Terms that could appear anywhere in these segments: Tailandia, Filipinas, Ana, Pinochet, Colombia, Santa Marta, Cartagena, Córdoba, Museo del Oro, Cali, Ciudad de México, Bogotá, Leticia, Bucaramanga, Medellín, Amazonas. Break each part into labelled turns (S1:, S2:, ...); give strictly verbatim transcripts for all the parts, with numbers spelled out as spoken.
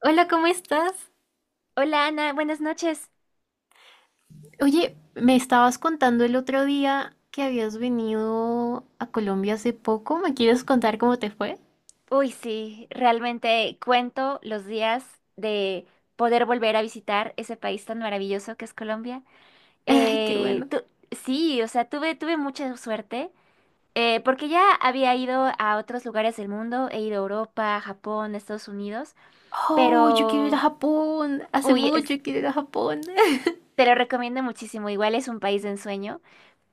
S1: Hola, ¿cómo estás?
S2: Hola Ana, buenas noches.
S1: Oye, me estabas contando el otro día que habías venido a Colombia hace poco. ¿Me quieres contar cómo te fue?
S2: Uy, sí, realmente cuento los días de poder volver a visitar ese país tan maravilloso que es Colombia.
S1: Ay, qué
S2: Eh,
S1: bueno.
S2: tu- sí, o sea, tuve, tuve mucha suerte eh, porque ya había ido a otros lugares del mundo, he ido a Europa, Japón, Estados Unidos,
S1: Oh, yo quiero ir a
S2: pero,
S1: Japón. Hace
S2: uy,
S1: mucho
S2: es-
S1: quiero ir a Japón.
S2: te lo recomiendo muchísimo, igual es un país de ensueño.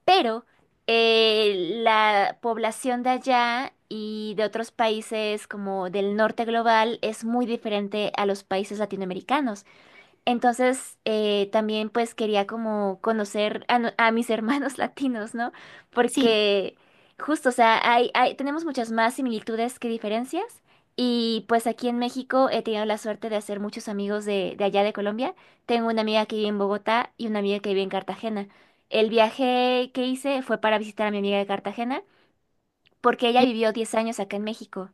S2: Pero eh, la población de allá y de otros países como del norte global es muy diferente a los países latinoamericanos. Entonces, eh, también pues quería como conocer a, no- a mis hermanos latinos, ¿no?
S1: Sí.
S2: Porque justo, o sea, hay, hay, tenemos muchas más similitudes que diferencias. Y pues aquí en México he tenido la suerte de hacer muchos amigos de, de allá de Colombia. Tengo una amiga que vive en Bogotá y una amiga que vive en Cartagena. El viaje que hice fue para visitar a mi amiga de Cartagena porque ella
S1: ye-
S2: vivió diez años acá en México.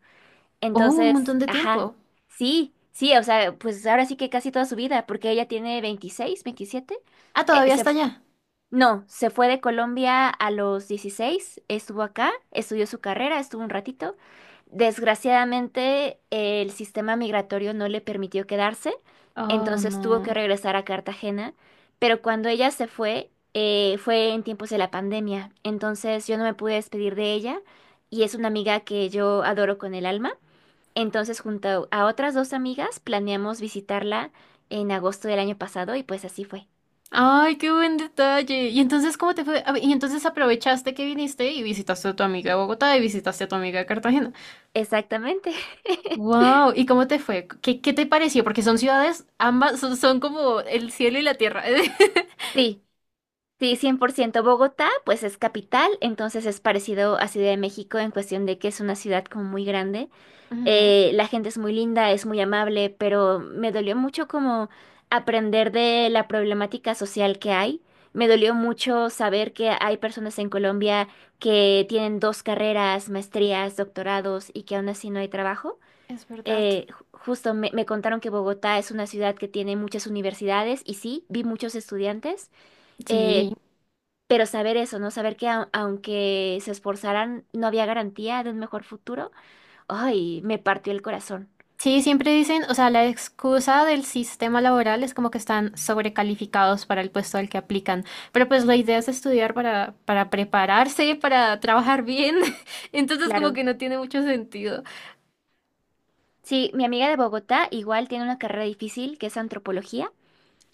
S1: Oh, un
S2: Entonces,
S1: montón de
S2: ajá,
S1: tiempo.
S2: sí, sí, o sea, pues ahora sí que casi toda su vida, porque ella tiene veintiséis, veintisiete,
S1: Ah,
S2: eh,
S1: todavía
S2: se,
S1: está
S2: f-
S1: allá.
S2: no, se fue de Colombia a los dieciséis, estuvo acá, estudió su carrera, estuvo un ratito. Desgraciadamente, el sistema migratorio no le permitió quedarse,
S1: Oh,
S2: entonces tuvo que
S1: no.
S2: regresar a Cartagena, pero cuando ella se fue, eh, fue en tiempos de la pandemia, entonces yo no me pude despedir de ella y es una amiga que yo adoro con el alma. Entonces, junto a otras dos amigas, planeamos visitarla en agosto del año pasado y pues así fue.
S1: Ay, qué buen detalle. ¿Y entonces cómo te fue? A ver, y entonces aprovechaste que viniste y visitaste a tu amiga de Bogotá y visitaste a tu amiga de Cartagena.
S2: Exactamente.
S1: Wow, ¿y cómo te fue? ¿Qué, qué te pareció? Porque son ciudades, ambas son, son como el cielo y la tierra.
S2: Sí, sí, cien por ciento Bogotá, pues es capital, entonces es parecido a Ciudad de México en cuestión de que es una ciudad como muy grande.
S1: Ujú.
S2: Eh, la gente es muy linda, es muy amable, pero me dolió mucho como aprender de la problemática social que hay. Me dolió mucho saber que hay personas en Colombia que tienen dos carreras, maestrías, doctorados y que aún así no hay trabajo.
S1: Es verdad.
S2: Eh, ju- justo me, me contaron que Bogotá es una ciudad que tiene muchas universidades y sí, vi muchos estudiantes,
S1: Sí.
S2: eh, pero saber eso, ¿no? Saber que au- aunque se esforzaran, no había garantía de un mejor futuro, ay, me partió el corazón.
S1: Sí, siempre dicen, o sea, la excusa del sistema laboral es como que están sobrecalificados para el puesto al que aplican, pero pues la idea es estudiar para, para prepararse, para trabajar bien, entonces como
S2: Claro.
S1: que no tiene mucho sentido.
S2: Sí, mi amiga de Bogotá igual tiene una carrera difícil que es antropología.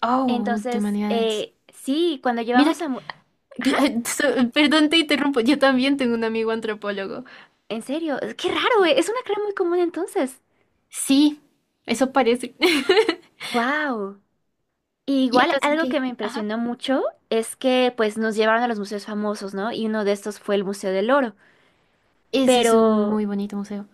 S1: Oh, de
S2: Entonces,
S1: humanidades.
S2: eh, sí, cuando
S1: Mira,
S2: llevamos
S1: que-
S2: a... mu-
S1: que-
S2: ajá,
S1: so- perdón, te interrumpo, yo también tengo un amigo antropólogo.
S2: en serio, qué raro, eh, es una carrera muy común entonces.
S1: Sí, eso parece.
S2: ¡Wow! Y
S1: Y
S2: igual
S1: entonces
S2: algo que
S1: que,
S2: me
S1: ajá,
S2: impresionó mucho es que pues nos llevaron a los museos famosos, ¿no? Y uno de estos fue el Museo del Oro,
S1: ese es un
S2: pero
S1: muy bonito museo.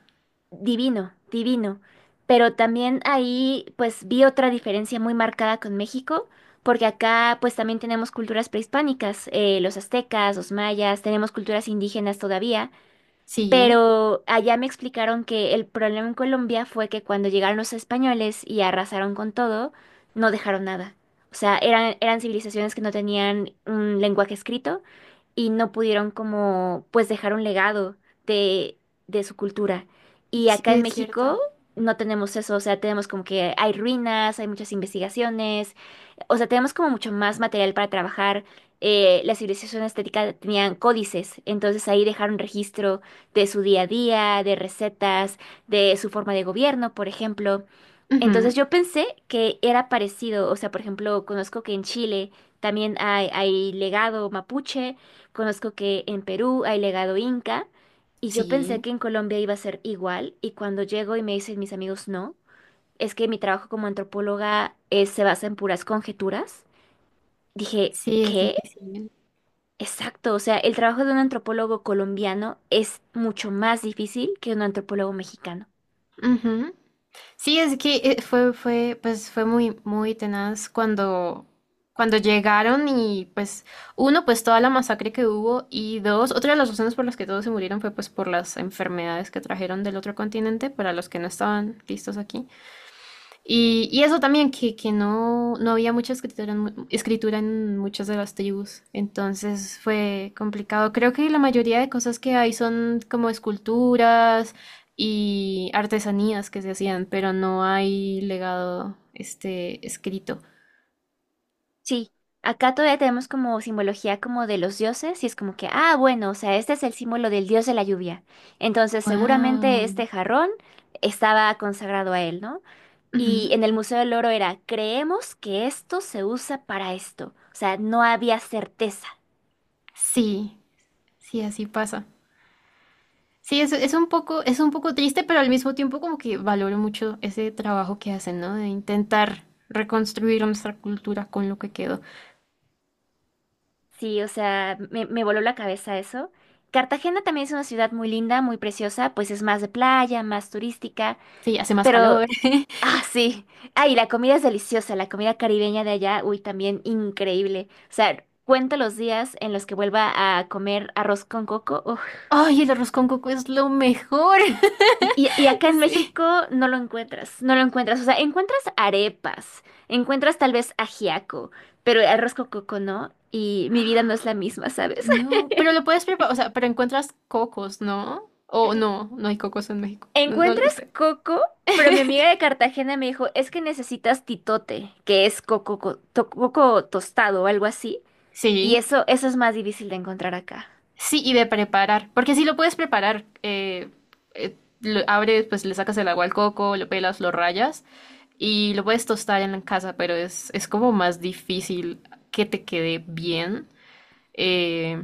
S2: divino, divino. Pero también ahí pues vi otra diferencia muy marcada con México, porque acá pues también tenemos culturas prehispánicas, eh, los aztecas, los mayas, tenemos culturas indígenas todavía,
S1: Sí,
S2: pero allá me explicaron que el problema en Colombia fue que cuando llegaron los españoles y arrasaron con todo, no dejaron nada. O sea, eran, eran civilizaciones que no tenían un lenguaje escrito y no pudieron como pues dejar un legado de, de su cultura. Y
S1: sí
S2: acá en
S1: es
S2: México
S1: cierto.
S2: no tenemos eso, o sea, tenemos como que hay ruinas, hay muchas investigaciones, o sea, tenemos como mucho más material para trabajar. Eh, la civilización azteca tenían códices, entonces ahí dejaron registro de su día a día, de recetas, de su forma de gobierno, por ejemplo.
S1: Ujú.
S2: Entonces yo pensé que era parecido, o sea, por ejemplo, conozco que en Chile también hay, hay legado mapuche, conozco que en Perú hay legado inca, y yo pensé
S1: Sí,
S2: que en Colombia iba a ser igual, y cuando llego y me dicen mis amigos no, es que mi trabajo como antropóloga eh, se basa en puras conjeturas. Dije,
S1: sí es
S2: ¿qué?
S1: difícil.
S2: Exacto, o sea, el trabajo de un antropólogo colombiano es mucho más difícil que un antropólogo mexicano.
S1: Ujú. Sí, es que eh, fue, fue, pues fue muy, muy tenaz cuando, cuando llegaron y pues, uno, pues toda la masacre que hubo y dos, otra de las razones por las que todos se murieron fue pues por las enfermedades que trajeron del otro continente para los que no estaban listos aquí. Y, y eso también, que, que no, no había mucha escritura en, mu- escritura en muchas de las tribus, entonces fue complicado. Creo que la mayoría de cosas que hay son como esculturas y artesanías que se hacían, pero no hay legado este escrito.
S2: Sí, acá todavía tenemos como simbología como de los dioses y es como que, ah, bueno, o sea, este es el símbolo del dios de la lluvia. Entonces, seguramente
S1: Wow.
S2: este jarrón estaba consagrado a él, ¿no? Y en el Museo del Oro era, creemos que esto se usa para esto. O sea, no había certeza.
S1: Sí, sí, así pasa. Sí, es, es un poco, es un poco triste, pero al mismo tiempo como que valoro mucho ese trabajo que hacen, ¿no? De intentar reconstruir nuestra cultura con lo que quedó.
S2: Sí, o sea, me, me voló la cabeza eso. Cartagena también es una ciudad muy linda, muy preciosa, pues es más de playa, más turística,
S1: Sí, hace más
S2: pero...
S1: calor.
S2: Ah, sí. Ay, la comida es deliciosa, la comida caribeña de allá, uy, también increíble. O sea, cuento los días en los que vuelva a comer arroz con coco. Uf.
S1: Ay, el arroz con coco es lo mejor.
S2: Y, y- y acá en
S1: Sí.
S2: México no lo encuentras, no lo encuentras. O sea, encuentras arepas, encuentras tal vez ajiaco, pero arroz con coco no. Y mi vida no es la misma, ¿sabes?
S1: No, pero lo puedes preparar, o sea, pero encuentras cocos, ¿no? O no, no hay cocos en México. No, no
S2: Encuentras
S1: lo sé.
S2: coco, pero mi amiga de Cartagena me dijo, es que necesitas titote, que es coco, co- to- coco tostado o algo así, y
S1: Sí,
S2: eso, eso es más difícil de encontrar acá.
S1: sí, y de preparar, porque sí lo puedes preparar. Eh, eh, lo abres, pues le sacas el agua al coco, lo pelas, lo rayas y lo puedes tostar en la casa, pero es, es como más difícil que te quede bien. eh,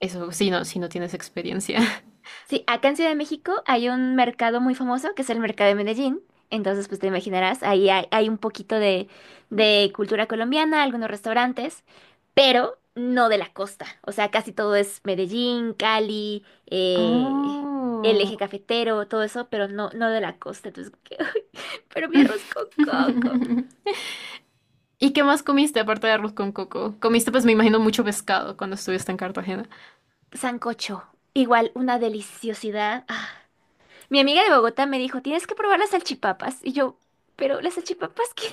S1: Eso, si no, si no tienes experiencia.
S2: Sí, acá en Ciudad de México hay un mercado muy famoso que es el mercado de Medellín. Entonces, pues te imaginarás, ahí hay, hay un poquito de, de cultura colombiana, algunos restaurantes, pero no de la costa. O sea, casi todo es Medellín, Cali, eh, el
S1: Oh.
S2: eje cafetero, todo eso, pero no, no de la costa. Entonces, ay, pero mi arroz con coco.
S1: ¿Y qué más comiste aparte de arroz con coco? Comiste, pues me imagino, mucho pescado cuando estuviste en Cartagena.
S2: Sancocho, igual una deliciosidad. Mi amiga de Bogotá me dijo, tienes que probar las salchipapas. Y yo, pero las salchipapas, ¿qué,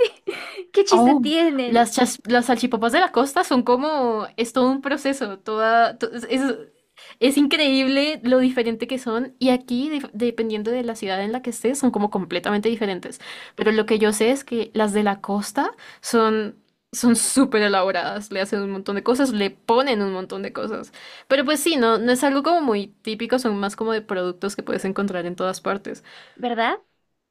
S2: qué chiste
S1: Oh,
S2: tienen?
S1: las, chas- las salchipapas de la costa son como, es todo un proceso, toda, to- es, es- increíble lo diferente que son y aquí, dif- dependiendo de la ciudad en la que estés, son como completamente diferentes. Pero lo que yo sé es que las de la costa son... Son súper elaboradas, le hacen un montón de cosas, le ponen un montón de cosas. Pero pues sí, no, no es algo como muy típico, son más como de productos que puedes encontrar en todas partes.
S2: ¿Verdad?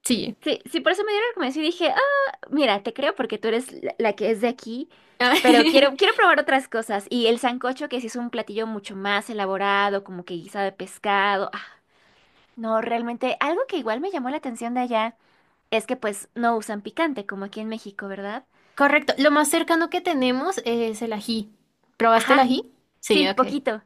S1: Sí.
S2: Sí, sí, por eso me dio la recomendación y dije, ah, mira, te creo porque tú eres la, la que es de aquí, pero quiero, quiero probar otras cosas. Y el sancocho, que sí es un platillo mucho más elaborado, como que guisado de pescado. Ah, no, realmente algo que igual me llamó la atención de allá es que pues no usan picante, como aquí en México, ¿verdad?
S1: Correcto. Lo más cercano que tenemos es el ají. ¿Probaste el
S2: Ajá,
S1: ají? Sí,
S2: sí,
S1: ok.
S2: poquito.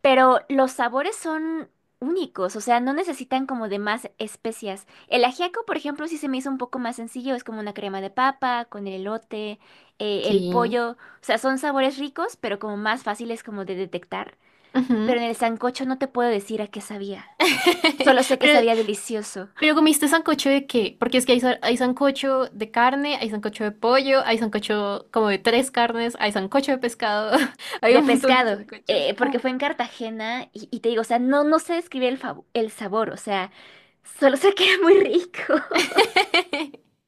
S2: Pero los sabores son únicos, o sea, no necesitan como de más especias. El ajiaco, por ejemplo, sí se me hizo un poco más sencillo, es como una crema de papa con el elote, eh, el
S1: Sí.
S2: pollo, o sea, son sabores ricos, pero como más fáciles como de detectar.
S1: Ujú.
S2: Pero en el sancocho no te puedo decir a qué sabía. Solo sé que
S1: Pero,
S2: sabía delicioso.
S1: pero ¿comiste sancocho de qué? Porque es que hay, sa- hay sancocho de carne, hay sancocho de pollo, hay sancocho como de tres carnes, hay sancocho de pescado, hay
S2: De
S1: un montón de
S2: pescado,
S1: sancochos.
S2: eh, porque
S1: Uh.
S2: fue en Cartagena y, y te digo, o sea, no, no sé describir el, fav- el sabor, o sea, solo sé que era muy rico.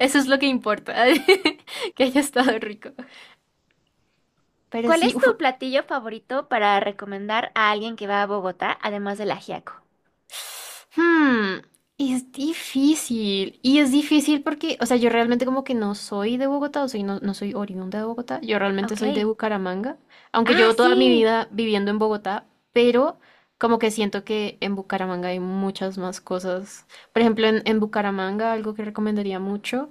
S1: Eso es lo que importa, que haya estado rico. Pero
S2: ¿Cuál
S1: sí,
S2: es
S1: uf.
S2: tu platillo favorito para recomendar a alguien que va a Bogotá, además del ajiaco?
S1: Hmm, es difícil. Y es difícil porque, o sea, yo realmente como que no soy de Bogotá, o soy no, no soy oriunda de Bogotá. Yo realmente soy de
S2: Ok.
S1: Bucaramanga, aunque
S2: Ah,
S1: llevo toda mi
S2: sí.
S1: vida viviendo en Bogotá, pero como que siento que en Bucaramanga hay muchas más cosas. Por ejemplo, en, en Bucaramanga algo que recomendaría mucho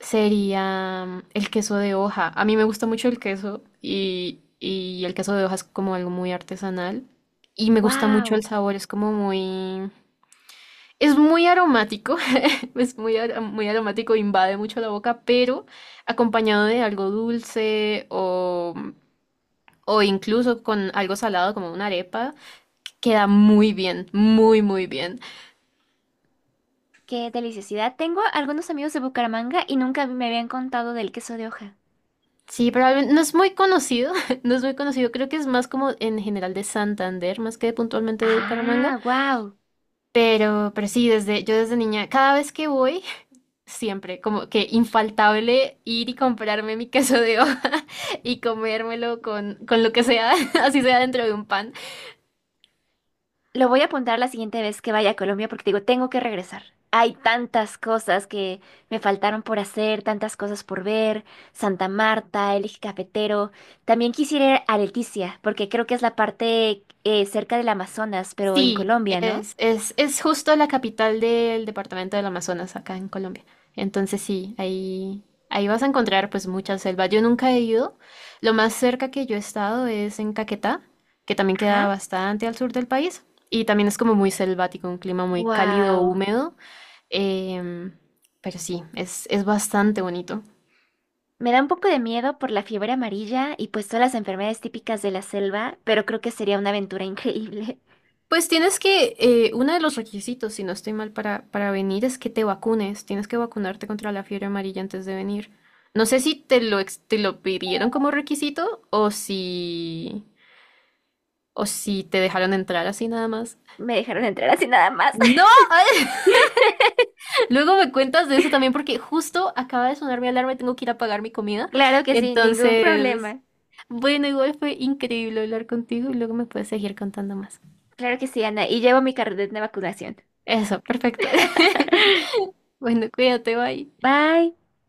S1: sería mm, el queso de hoja. A mí me gusta mucho el queso y, y el queso de hoja es como algo muy artesanal. Y me gusta mucho el
S2: Wow.
S1: sabor, es como muy... Es muy aromático, es muy, ar- muy aromático, invade mucho la boca, pero acompañado de algo dulce o, o incluso con algo salado como una arepa, queda muy bien, muy, muy bien.
S2: Qué deliciosidad. Tengo algunos amigos de Bucaramanga y nunca me habían contado del queso de hoja.
S1: Sí, probablemente no es muy conocido, no es muy conocido, creo que es más como en general de Santander, más que puntualmente de Bucaramanga,
S2: Ah, wow.
S1: pero, pero sí, desde, yo desde niña, cada vez que voy, siempre, como que infaltable ir y comprarme mi queso de hoja y comérmelo con, con lo que sea, así sea dentro de un pan.
S2: Lo voy a apuntar la siguiente vez que vaya a Colombia porque te digo, tengo que regresar. Hay tantas cosas que me faltaron por hacer, tantas cosas por ver. Santa Marta, el eje cafetero. También quisiera ir a Leticia porque creo que es la parte eh, cerca del Amazonas, pero en
S1: Sí,
S2: Colombia, ¿no?
S1: es, es, es justo la capital del departamento del Amazonas, acá en Colombia. Entonces sí, ahí, ahí vas a encontrar pues mucha selva. Yo nunca he ido. Lo más cerca que yo he estado es en Caquetá, que también queda
S2: Ajá.
S1: bastante al sur del país. Y también es como muy selvático, un clima muy cálido,
S2: Wow.
S1: húmedo. Em, pero sí, es, es bastante bonito.
S2: Me da un poco de miedo por la fiebre amarilla y pues todas las enfermedades típicas de la selva, pero creo que sería una aventura increíble.
S1: Pues tienes que, eh, uno de los requisitos, si no estoy mal, para, para venir es que te vacunes. Tienes que vacunarte contra la fiebre amarilla antes de venir. No sé si te lo, ex- te lo pidieron como requisito o si, o si te dejaron entrar así nada más.
S2: Me dejaron entrar así nada más.
S1: No, luego me cuentas de eso también porque justo acaba de sonar mi alarma y tengo que ir a pagar mi comida.
S2: Claro que sí, ningún
S1: Entonces,
S2: problema.
S1: bueno, igual fue increíble hablar contigo y luego me puedes seguir contando más.
S2: Claro que sí, Ana. Y llevo mi carnet de vacunación.
S1: Eso, perfecto. Bueno, cuídate, bye.
S2: Bye.